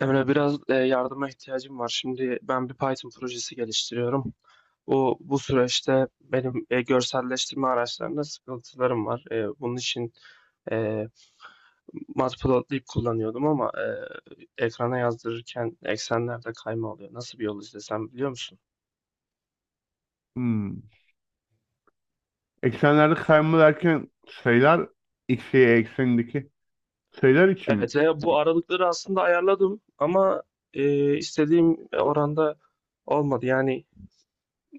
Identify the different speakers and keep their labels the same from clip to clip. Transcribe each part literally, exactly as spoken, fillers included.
Speaker 1: Emre biraz e, yardıma ihtiyacım var. Şimdi ben bir Python projesi geliştiriyorum. Bu bu süreçte benim e, görselleştirme araçlarında sıkıntılarım var. E, bunun için e, Matplotlib kullanıyordum ama e, ekrana yazdırırken eksenlerde kayma oluyor. Nasıl bir yol izlesem biliyor musun?
Speaker 2: Hmm. Eksenlerde kayma derken sayılar x, y eksenindeki sayılar için mi?
Speaker 1: Evet, e, bu aralıkları aslında ayarladım ama e, istediğim oranda olmadı. Yani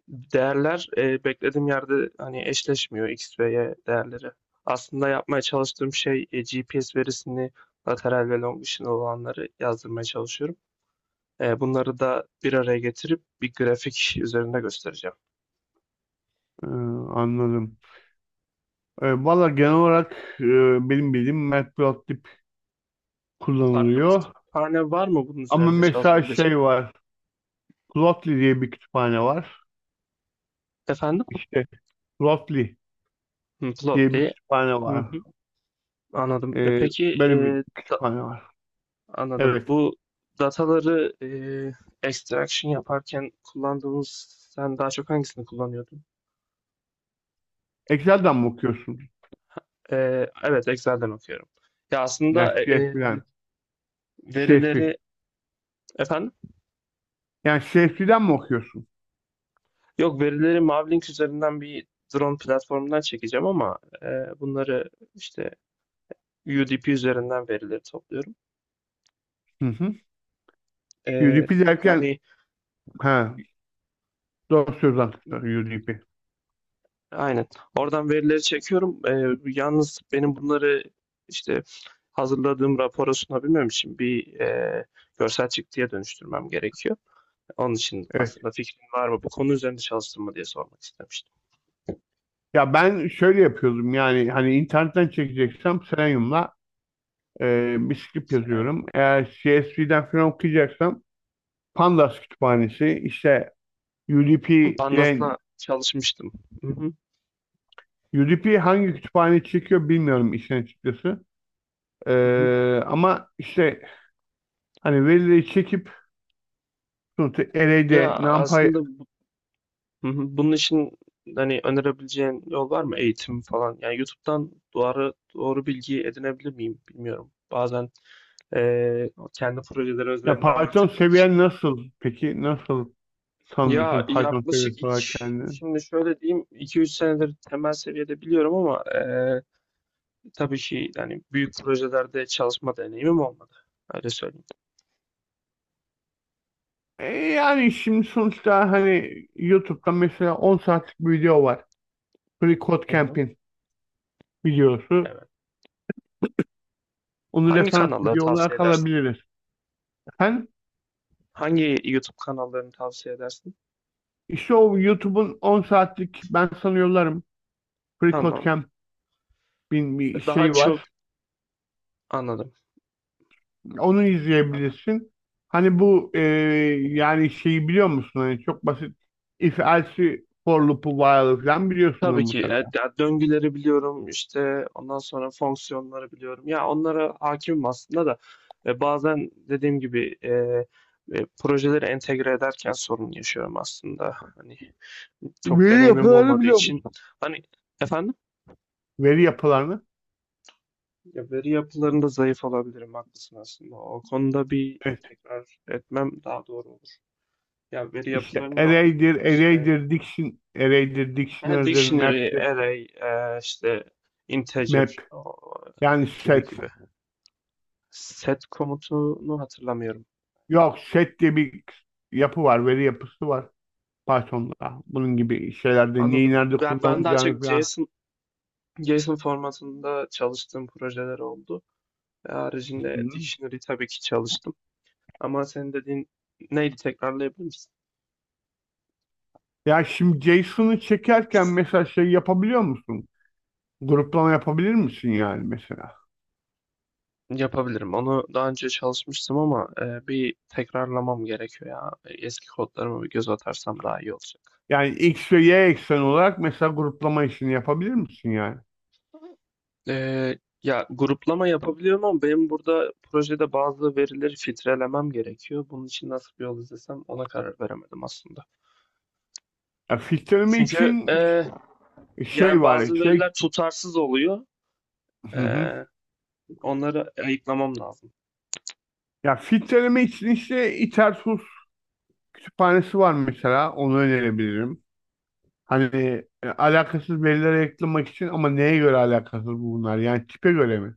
Speaker 1: değerler eee, beklediğim yerde hani eşleşmiyor X ve Y değerleri. Aslında yapmaya çalıştığım şey eee, G P S verisini lateral ve longitudinal olanları yazdırmaya çalışıyorum. Eee, bunları da bir araya getirip bir grafik üzerinde göstereceğim.
Speaker 2: Ee, anladım. Ee, valla genel olarak e, benim bildiğim Matplotlib
Speaker 1: Farklı bir
Speaker 2: kullanılıyor.
Speaker 1: kütüphane var mı bunun
Speaker 2: Ama
Speaker 1: üzerinde
Speaker 2: mesela
Speaker 1: çalışabilecek?
Speaker 2: şey var. Plotly diye bir kütüphane var.
Speaker 1: Efendim?
Speaker 2: İşte Plotly
Speaker 1: Hı, Plot
Speaker 2: diye bir
Speaker 1: diye.
Speaker 2: kütüphane
Speaker 1: Hı
Speaker 2: var.
Speaker 1: hı, anladım. E,
Speaker 2: Ee,
Speaker 1: peki
Speaker 2: Böyle bir
Speaker 1: eee, da-
Speaker 2: kütüphane var.
Speaker 1: anladım.
Speaker 2: Evet.
Speaker 1: Bu dataları eee, extraction yaparken kullandığımız sen daha çok hangisini kullanıyordun?
Speaker 2: Excel'den mi okuyorsun?
Speaker 1: Ee, evet, Excel'den okuyorum. Ya
Speaker 2: Yani
Speaker 1: aslında e, e,
Speaker 2: C S V'den.
Speaker 1: verileri
Speaker 2: C S V.
Speaker 1: efendim?
Speaker 2: Yani C S V'den mi okuyorsun?
Speaker 1: Yok, verileri Mavlink üzerinden bir drone platformundan çekeceğim ama e, bunları işte U D P üzerinden verileri topluyorum.
Speaker 2: Hı hı.
Speaker 1: E,
Speaker 2: U D P derken
Speaker 1: Yani
Speaker 2: ha, doğru söz anahtarı U D P.
Speaker 1: aynen. Oradan verileri çekiyorum. E, yalnız benim bunları işte hazırladığım rapora sunabilmem için bir e, görsel çıktıya dönüştürmem gerekiyor. Onun için
Speaker 2: Evet.
Speaker 1: aslında fikrin var mı? Bu konu üzerinde çalıştın mı diye sormak istemiştim.
Speaker 2: Ya ben şöyle yapıyordum, yani hani internetten çekeceksem Selenium'la e, bir
Speaker 1: Hiç
Speaker 2: script
Speaker 1: Selam
Speaker 2: yazıyorum. Eğer C S V'den falan okuyacaksam Pandas kütüphanesi işte U D P ile
Speaker 1: Pandas'la çalışmıştım. Hı hı,
Speaker 2: U D P hangi kütüphane çekiyor bilmiyorum işin açıkçası. E,
Speaker 1: hı hı.
Speaker 2: Ama işte hani verileri çekip sonuçta
Speaker 1: Ya
Speaker 2: array'de NumPy.
Speaker 1: aslında bu- hı hı, bunun için hani önerebileceğin yol var mı? Eğitim falan. Yani YouTube'dan doğru doğru bilgi edinebilir miyim bilmiyorum. Bazen eee, kendi projeleri
Speaker 2: Ya
Speaker 1: özelinde
Speaker 2: Python
Speaker 1: anlattıkları için.
Speaker 2: seviyen nasıl peki? Nasıl
Speaker 1: Ya
Speaker 2: tanımlıyorsun Python
Speaker 1: yaklaşık
Speaker 2: seviyesi
Speaker 1: iki,
Speaker 2: olarak kendini?
Speaker 1: şimdi şöyle diyeyim iki üç senedir temel seviyede biliyorum ama eee, tabii ki yani büyük projelerde çalışma deneyimim olmadı. Öyle söyleyeyim.
Speaker 2: E, yani şimdi sonuçta hani YouTube'da mesela on saatlik bir video var. Free Code
Speaker 1: Hı hı,
Speaker 2: Camp'in videosu.
Speaker 1: evet.
Speaker 2: Onu
Speaker 1: Hangi
Speaker 2: referans
Speaker 1: kanalları
Speaker 2: video
Speaker 1: tavsiye
Speaker 2: olarak
Speaker 1: edersin?
Speaker 2: alabiliriz. Efendim?
Speaker 1: Hangi YouTube kanallarını tavsiye edersin?
Speaker 2: İşte o YouTube'un on saatlik ben sana yollarım. Free Code
Speaker 1: Tamam.
Speaker 2: Camp'in bir
Speaker 1: Daha
Speaker 2: şey
Speaker 1: çok
Speaker 2: var.
Speaker 1: anladım.
Speaker 2: Onu izleyebilirsin. Hani bu e, yani şeyi biliyor musun? Hani çok basit if else for loop'u while'ı falan biliyorsunuz
Speaker 1: Tabii ki. E,
Speaker 2: mutlaka.
Speaker 1: ya döngüleri biliyorum işte ondan sonra fonksiyonları biliyorum. Ya onlara hakimim aslında da e, bazen dediğim gibi e, e, projeleri entegre ederken sorun yaşıyorum aslında. Hani çok
Speaker 2: Veri
Speaker 1: deneyimim
Speaker 2: yapılarını
Speaker 1: olmadığı
Speaker 2: biliyor
Speaker 1: için
Speaker 2: musun?
Speaker 1: hani efendim,
Speaker 2: Veri yapılarını.
Speaker 1: ya veri yapılarında zayıf olabilirim haklısın aslında. O konuda bir tekrar etmem daha doğru olur. Ya veri
Speaker 2: İşte
Speaker 1: yapılarını da haklısın.
Speaker 2: array'dir,
Speaker 1: İşte
Speaker 2: array'dir, diction, array'dir,
Speaker 1: ha,
Speaker 2: dictionary'dir,
Speaker 1: dictionary,
Speaker 2: map'tir,
Speaker 1: array, e, işte
Speaker 2: map.
Speaker 1: integer o,
Speaker 2: Yani
Speaker 1: gibi
Speaker 2: set.
Speaker 1: gibi. Set komutunu hatırlamıyorum.
Speaker 2: Yok, set diye bir yapı var, veri yapısı var Python'da. Bunun gibi şeylerde neyi
Speaker 1: Anladım.
Speaker 2: nerede
Speaker 1: Ben, ben daha çok
Speaker 2: kullanacağını falan.
Speaker 1: JSON, JSON formatında çalıştığım projeler oldu. Ve
Speaker 2: Hı
Speaker 1: haricinde
Speaker 2: hı.
Speaker 1: dictionary tabii ki çalıştım. Ama senin dediğin neydi, tekrarlayabilir misin?
Speaker 2: Ya şimdi jeyson'u çekerken mesela şey yapabiliyor musun? Gruplama yapabilir misin yani mesela?
Speaker 1: Yapabilirim. Onu daha önce çalışmıştım ama e, bir tekrarlamam gerekiyor ya. Eski kodlarıma bir göz atarsam daha iyi olacak.
Speaker 2: Yani X ve Y eksen olarak mesela gruplama işini yapabilir misin yani?
Speaker 1: Ee, Ya gruplama yapabiliyorum ama benim burada projede bazı verileri filtrelemem gerekiyor. Bunun için nasıl bir yol izlesem ona karar veremedim aslında.
Speaker 2: Ya filtreleme
Speaker 1: Çünkü
Speaker 2: için
Speaker 1: e,
Speaker 2: ş- şey
Speaker 1: yani
Speaker 2: var,
Speaker 1: bazı veriler
Speaker 2: şey.
Speaker 1: tutarsız oluyor. Ee, Onları ayıklamam lazım.
Speaker 2: Ya filtreleme için işte İtersus kütüphanesi var mesela. Onu önerebilirim. Hani e, alakasız verilere yakalamak için, ama neye göre alakasız bu bunlar? Yani tipe göre mi?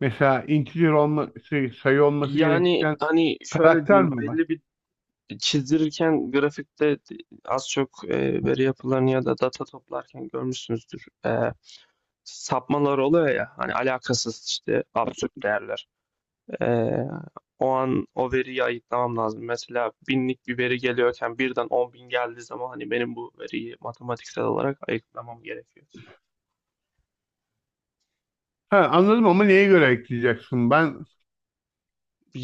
Speaker 2: Mesela integer olması, sayı olması
Speaker 1: Yani
Speaker 2: gereken
Speaker 1: hani şöyle
Speaker 2: karakter
Speaker 1: diyeyim
Speaker 2: mi var?
Speaker 1: belli bir çizdirirken grafikte az çok e, veri yapılarını ya da data toplarken görmüşsünüzdür. Ee, sapmalar oluyor ya hani alakasız işte absürt değerler. Ee, O an o veriyi ayıklamam lazım. Mesela binlik bir veri geliyorken birden on bin geldiği zaman hani benim bu veriyi matematiksel olarak ayıklamam gerekiyor.
Speaker 2: Ha, anladım ama neye göre ekleyeceksin? Ben.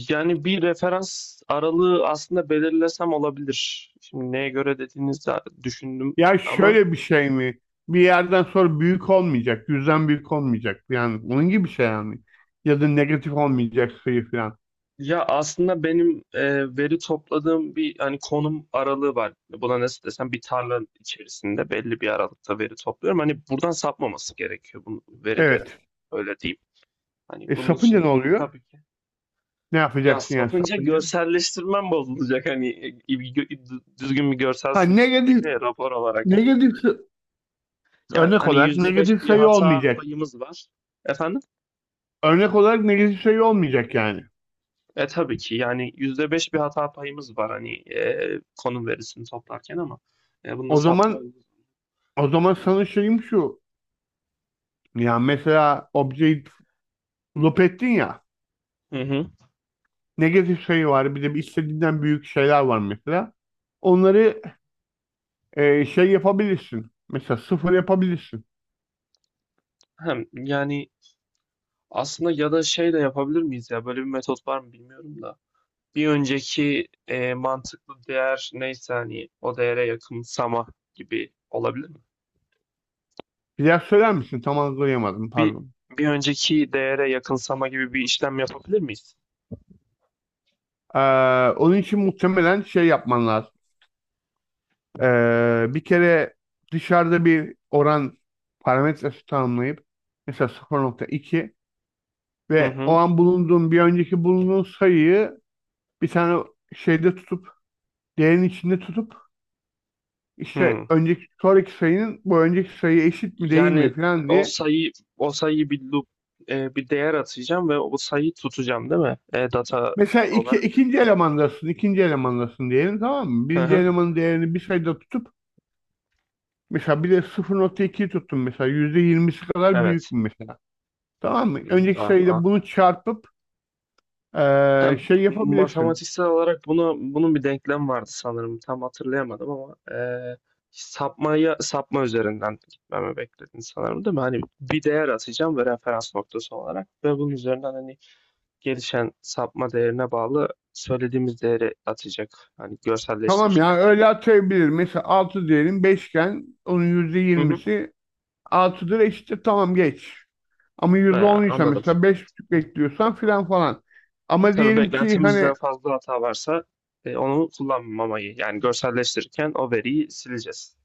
Speaker 1: Yani bir referans aralığı aslında belirlesem olabilir. Şimdi neye göre dediğinizde düşündüm
Speaker 2: Ya
Speaker 1: ama
Speaker 2: şöyle bir şey mi? Bir yerden sonra büyük olmayacak, yüzden büyük olmayacak. Yani onun gibi bir şey yani. Ya da negatif olmayacak sayı falan.
Speaker 1: ya aslında benim e, veri topladığım bir hani konum aralığı var. Buna nasıl desem bir tarla içerisinde belli bir aralıkta veri topluyorum. Hani buradan sapmaması gerekiyor bu verilerin.
Speaker 2: Evet.
Speaker 1: Öyle diyeyim. Hani
Speaker 2: E
Speaker 1: bunun
Speaker 2: sapınca
Speaker 1: için
Speaker 2: ne oluyor?
Speaker 1: tabii ki.
Speaker 2: Ne
Speaker 1: Ya
Speaker 2: yapacaksın yani
Speaker 1: satınca
Speaker 2: sapınca?
Speaker 1: görselleştirmem bozulacak. Hani e, bir gö- düzgün bir görsel
Speaker 2: Ha,
Speaker 1: sunmam
Speaker 2: negatif,
Speaker 1: gerekiyor ya rapor olarak.
Speaker 2: negatif şey,
Speaker 1: Ya
Speaker 2: örnek
Speaker 1: hani
Speaker 2: olarak
Speaker 1: yüzde beş
Speaker 2: negatif
Speaker 1: bir
Speaker 2: sayı
Speaker 1: hata
Speaker 2: olmayacak.
Speaker 1: payımız var. Efendim?
Speaker 2: Örnek olarak negatif sayı olmayacak yani.
Speaker 1: E tabii ki yani yüzde beş bir hata payımız var hani e, konum verisini toplarken ama e, bunda
Speaker 2: O
Speaker 1: sapma
Speaker 2: zaman
Speaker 1: olur.
Speaker 2: o zaman sana şeyim şu. Ya mesela objeyi loop ettin ya.
Speaker 1: Hı hı.
Speaker 2: Negatif sayı var. Bir de bir istediğinden büyük şeyler var mesela. Onları e, şey yapabilirsin. Mesela sıfır yapabilirsin.
Speaker 1: Hem yani aslında ya da şey de yapabilir miyiz, ya böyle bir metot var mı bilmiyorum da. Bir önceki e, mantıklı değer neyse hani o değere yakınsama gibi olabilir mi?
Speaker 2: Bir daha söyler misin? Tam anlayamadım.
Speaker 1: Bir
Speaker 2: Pardon.
Speaker 1: bir önceki değere yakınsama gibi bir işlem yapabilir miyiz?
Speaker 2: Ee, Onun için muhtemelen şey yapman lazım. Ee, bir kere dışarıda bir oran parametresi tanımlayıp mesela sıfır nokta iki
Speaker 1: Hı
Speaker 2: ve o
Speaker 1: hı.
Speaker 2: an bulunduğun bir önceki bulunduğun sayıyı bir tane şeyde tutup değerin içinde tutup işte
Speaker 1: Hı.
Speaker 2: önceki sonraki sayının bu önceki sayıya eşit mi değil
Speaker 1: Yani
Speaker 2: mi falan
Speaker 1: o
Speaker 2: diye,
Speaker 1: sayı o sayıyı bir loop e, bir değer atacağım ve o sayıyı tutacağım değil mi? E, data
Speaker 2: mesela iki,
Speaker 1: olarak.
Speaker 2: ikinci elemandasın ikinci elemandasın diyelim, tamam mı?
Speaker 1: Hı
Speaker 2: Birinci
Speaker 1: hı.
Speaker 2: elemanın değerini bir sayıda tutup mesela bir de sıfır nokta ikiyi tuttun, mesela yüzde yirmisi kadar büyük
Speaker 1: Evet.
Speaker 2: mü mesela, tamam mı?
Speaker 1: Hmm,
Speaker 2: Önceki
Speaker 1: ah,
Speaker 2: sayıyla
Speaker 1: ah.
Speaker 2: bunu çarpıp
Speaker 1: Ha,
Speaker 2: Ee, şey yapabilirsin.
Speaker 1: matematiksel olarak bunu bunun bir denklem vardı sanırım. Tam hatırlayamadım ama eee sapmayı, sapma üzerinden gitmemi bekledin sanırım değil mi? Hani bir değer atacağım ve referans noktası olarak ve bunun üzerinden hani gelişen sapma değerine bağlı söylediğimiz değeri atacak. Hani
Speaker 2: Tamam, ya
Speaker 1: görselleştirirken.
Speaker 2: öyle atayabilir. Mesela altı diyelim, beşken onun yüzde
Speaker 1: Hı hı.
Speaker 2: yirmisi altıdır, eşittir tamam, geç. Ama
Speaker 1: Ee,
Speaker 2: yüzde on ise
Speaker 1: anladım.
Speaker 2: mesela beş buçuk bekliyorsan filan falan. Ama
Speaker 1: Tabii
Speaker 2: diyelim ki
Speaker 1: beklentimizden
Speaker 2: hani
Speaker 1: fazla hata varsa e, onu kullanmamayı, yani görselleştirirken o veriyi sileceğiz.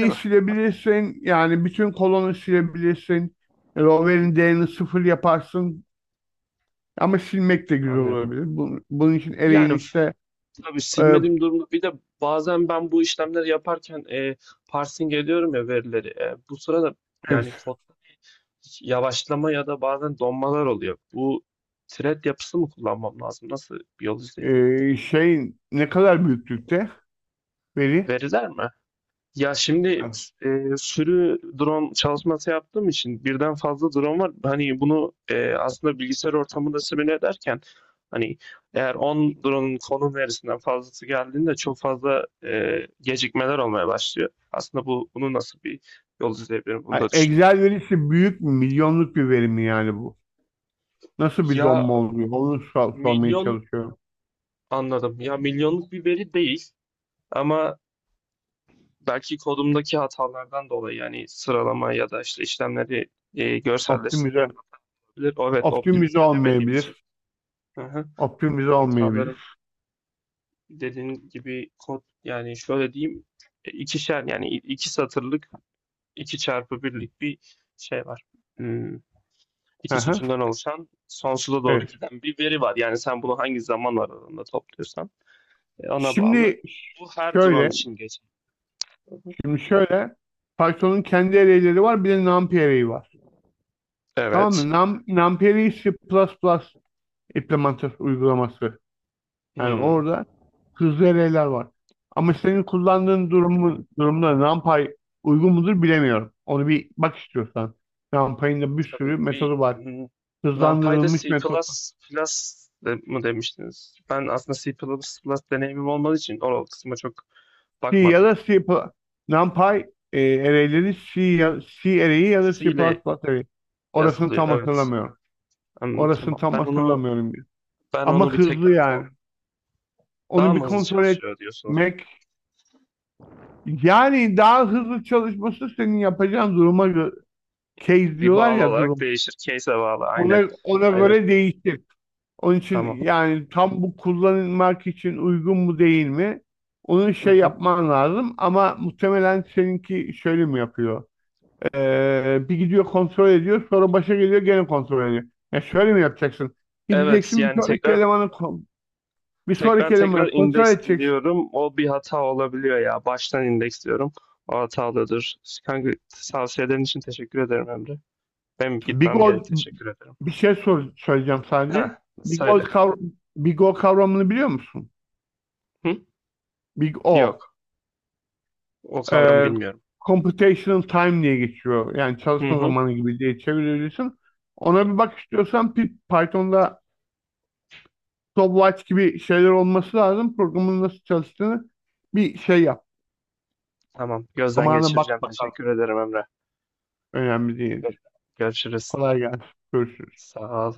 Speaker 1: Değil mi?
Speaker 2: silebilirsin, yani bütün kolonu silebilirsin. Yani
Speaker 1: Hı hı.
Speaker 2: overin değerini sıfır yaparsın. Ama silmek de güzel
Speaker 1: Anlıyorum.
Speaker 2: olabilir. Bu- Bunun, için
Speaker 1: Yani
Speaker 2: array'in
Speaker 1: f-
Speaker 2: işte.
Speaker 1: tabii
Speaker 2: e,
Speaker 1: silmediğim durumda bir de bazen ben bu işlemleri yaparken e, parsing ediyorum ya verileri. E, bu sırada
Speaker 2: evet,
Speaker 1: yani kodda hiç yavaşlama ya da bazen donmalar oluyor. Bu thread yapısı mı kullanmam lazım? Nasıl bir yol izleyebilirim?
Speaker 2: e, şey ne kadar büyüklükte veri?
Speaker 1: Veriler mi? Ya şimdi e, sürü drone çalışması yaptığım için birden fazla drone var. Hani bunu e, aslında bilgisayar ortamında simüle ederken hani eğer on drone'un konum verisinden fazlası geldiğinde çok fazla e, gecikmeler olmaya başlıyor. Aslında bu bunu nasıl bir yol izleyebilirim bunu da
Speaker 2: Ha,
Speaker 1: düşündüm.
Speaker 2: Excel verisi büyük mü? Milyonluk bir veri mi yani bu? Nasıl bir
Speaker 1: Ya
Speaker 2: donma oluyor? Onu sor- sormaya
Speaker 1: milyon,
Speaker 2: çalışıyorum.
Speaker 1: anladım. Ya milyonluk bir veri değil ama belki kodumdaki hatalardan dolayı yani sıralama ya da işte işlemleri e,
Speaker 2: Optimize,
Speaker 1: evet,
Speaker 2: optimize
Speaker 1: optimize edemediğim için.
Speaker 2: olmayabilir.
Speaker 1: Hı hı.
Speaker 2: Optimize
Speaker 1: Hatalarım
Speaker 2: olmayabilir.
Speaker 1: dediğin gibi kod, yani şöyle diyeyim e, ikişer yani i- iki satırlık iki çarpı birlik bir şey var. Hmm,
Speaker 2: Hı
Speaker 1: iki
Speaker 2: hı,
Speaker 1: sütundan oluşan sonsuza doğru
Speaker 2: evet.
Speaker 1: giden bir veri var. Yani sen bunu hangi zaman aralığında topluyorsan e, ona bağlı.
Speaker 2: Şimdi
Speaker 1: Bu her drone
Speaker 2: şöyle,
Speaker 1: için geçer. Hı hı.
Speaker 2: şimdi şöyle Python'un kendi array'leri var, bir de NumPy array'i var. Tamam
Speaker 1: Evet.
Speaker 2: mı? Num, NumPy array'i C++ implementası uygulaması. Yani
Speaker 1: Hmm.
Speaker 2: orada hızlı eleyler var. Ama senin kullandığın durumu, durumda NumPy uygun mudur bilemiyorum. Onu bir bak istiyorsan. NumPy'in de bir
Speaker 1: Tabii
Speaker 2: sürü
Speaker 1: bir
Speaker 2: metodu var.
Speaker 1: n- NumPy'de
Speaker 2: Hızlandırılmış
Speaker 1: C++
Speaker 2: metot.
Speaker 1: plus de, mı demiştiniz? Ben aslında C++ plus deneyimim olmadığı için o kısma çok
Speaker 2: C ya
Speaker 1: bakmadım.
Speaker 2: da C++.
Speaker 1: Evet.
Speaker 2: NumPy e, array'leri C, ya, C array'i ya da
Speaker 1: C
Speaker 2: C++
Speaker 1: ile
Speaker 2: array'i. Orasını
Speaker 1: yazılıyor
Speaker 2: tam
Speaker 1: evet.
Speaker 2: hatırlamıyorum.
Speaker 1: Hmm,
Speaker 2: Orasını
Speaker 1: tamam.
Speaker 2: tam
Speaker 1: Ben onu
Speaker 2: hatırlamıyorum.
Speaker 1: ben
Speaker 2: Ama
Speaker 1: onu bir tekrar
Speaker 2: hızlı
Speaker 1: ko-
Speaker 2: yani.
Speaker 1: daha
Speaker 2: Onu bir
Speaker 1: mı hızlı
Speaker 2: kontrol
Speaker 1: çalışıyor diyorsunuz?
Speaker 2: etmek. Yani daha hızlı çalışması senin yapacağın duruma göre, case
Speaker 1: Bir
Speaker 2: diyorlar
Speaker 1: bağlı
Speaker 2: ya,
Speaker 1: olarak
Speaker 2: durum.
Speaker 1: değişir. Case'e bağlı. Aynen.
Speaker 2: Ona, ona
Speaker 1: Aynen.
Speaker 2: göre değişir. Onun için
Speaker 1: Tamam.
Speaker 2: yani tam bu kullanılmak için uygun mu değil mi? Onu
Speaker 1: Hı
Speaker 2: şey
Speaker 1: hı.
Speaker 2: yapman lazım, ama muhtemelen seninki şöyle mi yapıyor? Ee, bir gidiyor kontrol ediyor sonra başa geliyor gene kontrol ediyor. Ya şöyle mi yapacaksın?
Speaker 1: Evet
Speaker 2: Gideceksin bir
Speaker 1: yani
Speaker 2: sonraki
Speaker 1: tekrar
Speaker 2: elemanı ko- bir
Speaker 1: Tekrar
Speaker 2: sonraki
Speaker 1: tekrar
Speaker 2: elemanı kontrol edeceksin.
Speaker 1: indeksliyorum. O bir hata olabiliyor ya. Baştan indeksliyorum. O hatalıdır. Kanka, tavsiyelerin için teşekkür ederim Emre. Benim
Speaker 2: Big
Speaker 1: gitmem gerek.
Speaker 2: O,
Speaker 1: Teşekkür ederim.
Speaker 2: bir şey sor, söyleyeceğim sadece.
Speaker 1: Ha,
Speaker 2: Big old
Speaker 1: söyle.
Speaker 2: kavram, Big O kavramını biliyor musun?
Speaker 1: Hı?
Speaker 2: Big O.
Speaker 1: Yok. O kavramı
Speaker 2: e,
Speaker 1: bilmiyorum.
Speaker 2: Computational time diye geçiyor. Yani
Speaker 1: Hı
Speaker 2: çalışma
Speaker 1: hı.
Speaker 2: zamanı gibi diye çevirebilirsin. Ona bir bak istiyorsan, Py- Python'da stopwatch gibi şeyler olması lazım. Programın nasıl çalıştığını bir şey yap.
Speaker 1: Tamam. Gözden
Speaker 2: Amana bak
Speaker 1: geçireceğim.
Speaker 2: bakalım.
Speaker 1: Teşekkür ederim Emre.
Speaker 2: Önemli değil.
Speaker 1: Görüşürüz.
Speaker 2: Kolay gelsin. Görüşürüz.
Speaker 1: Sağ ol.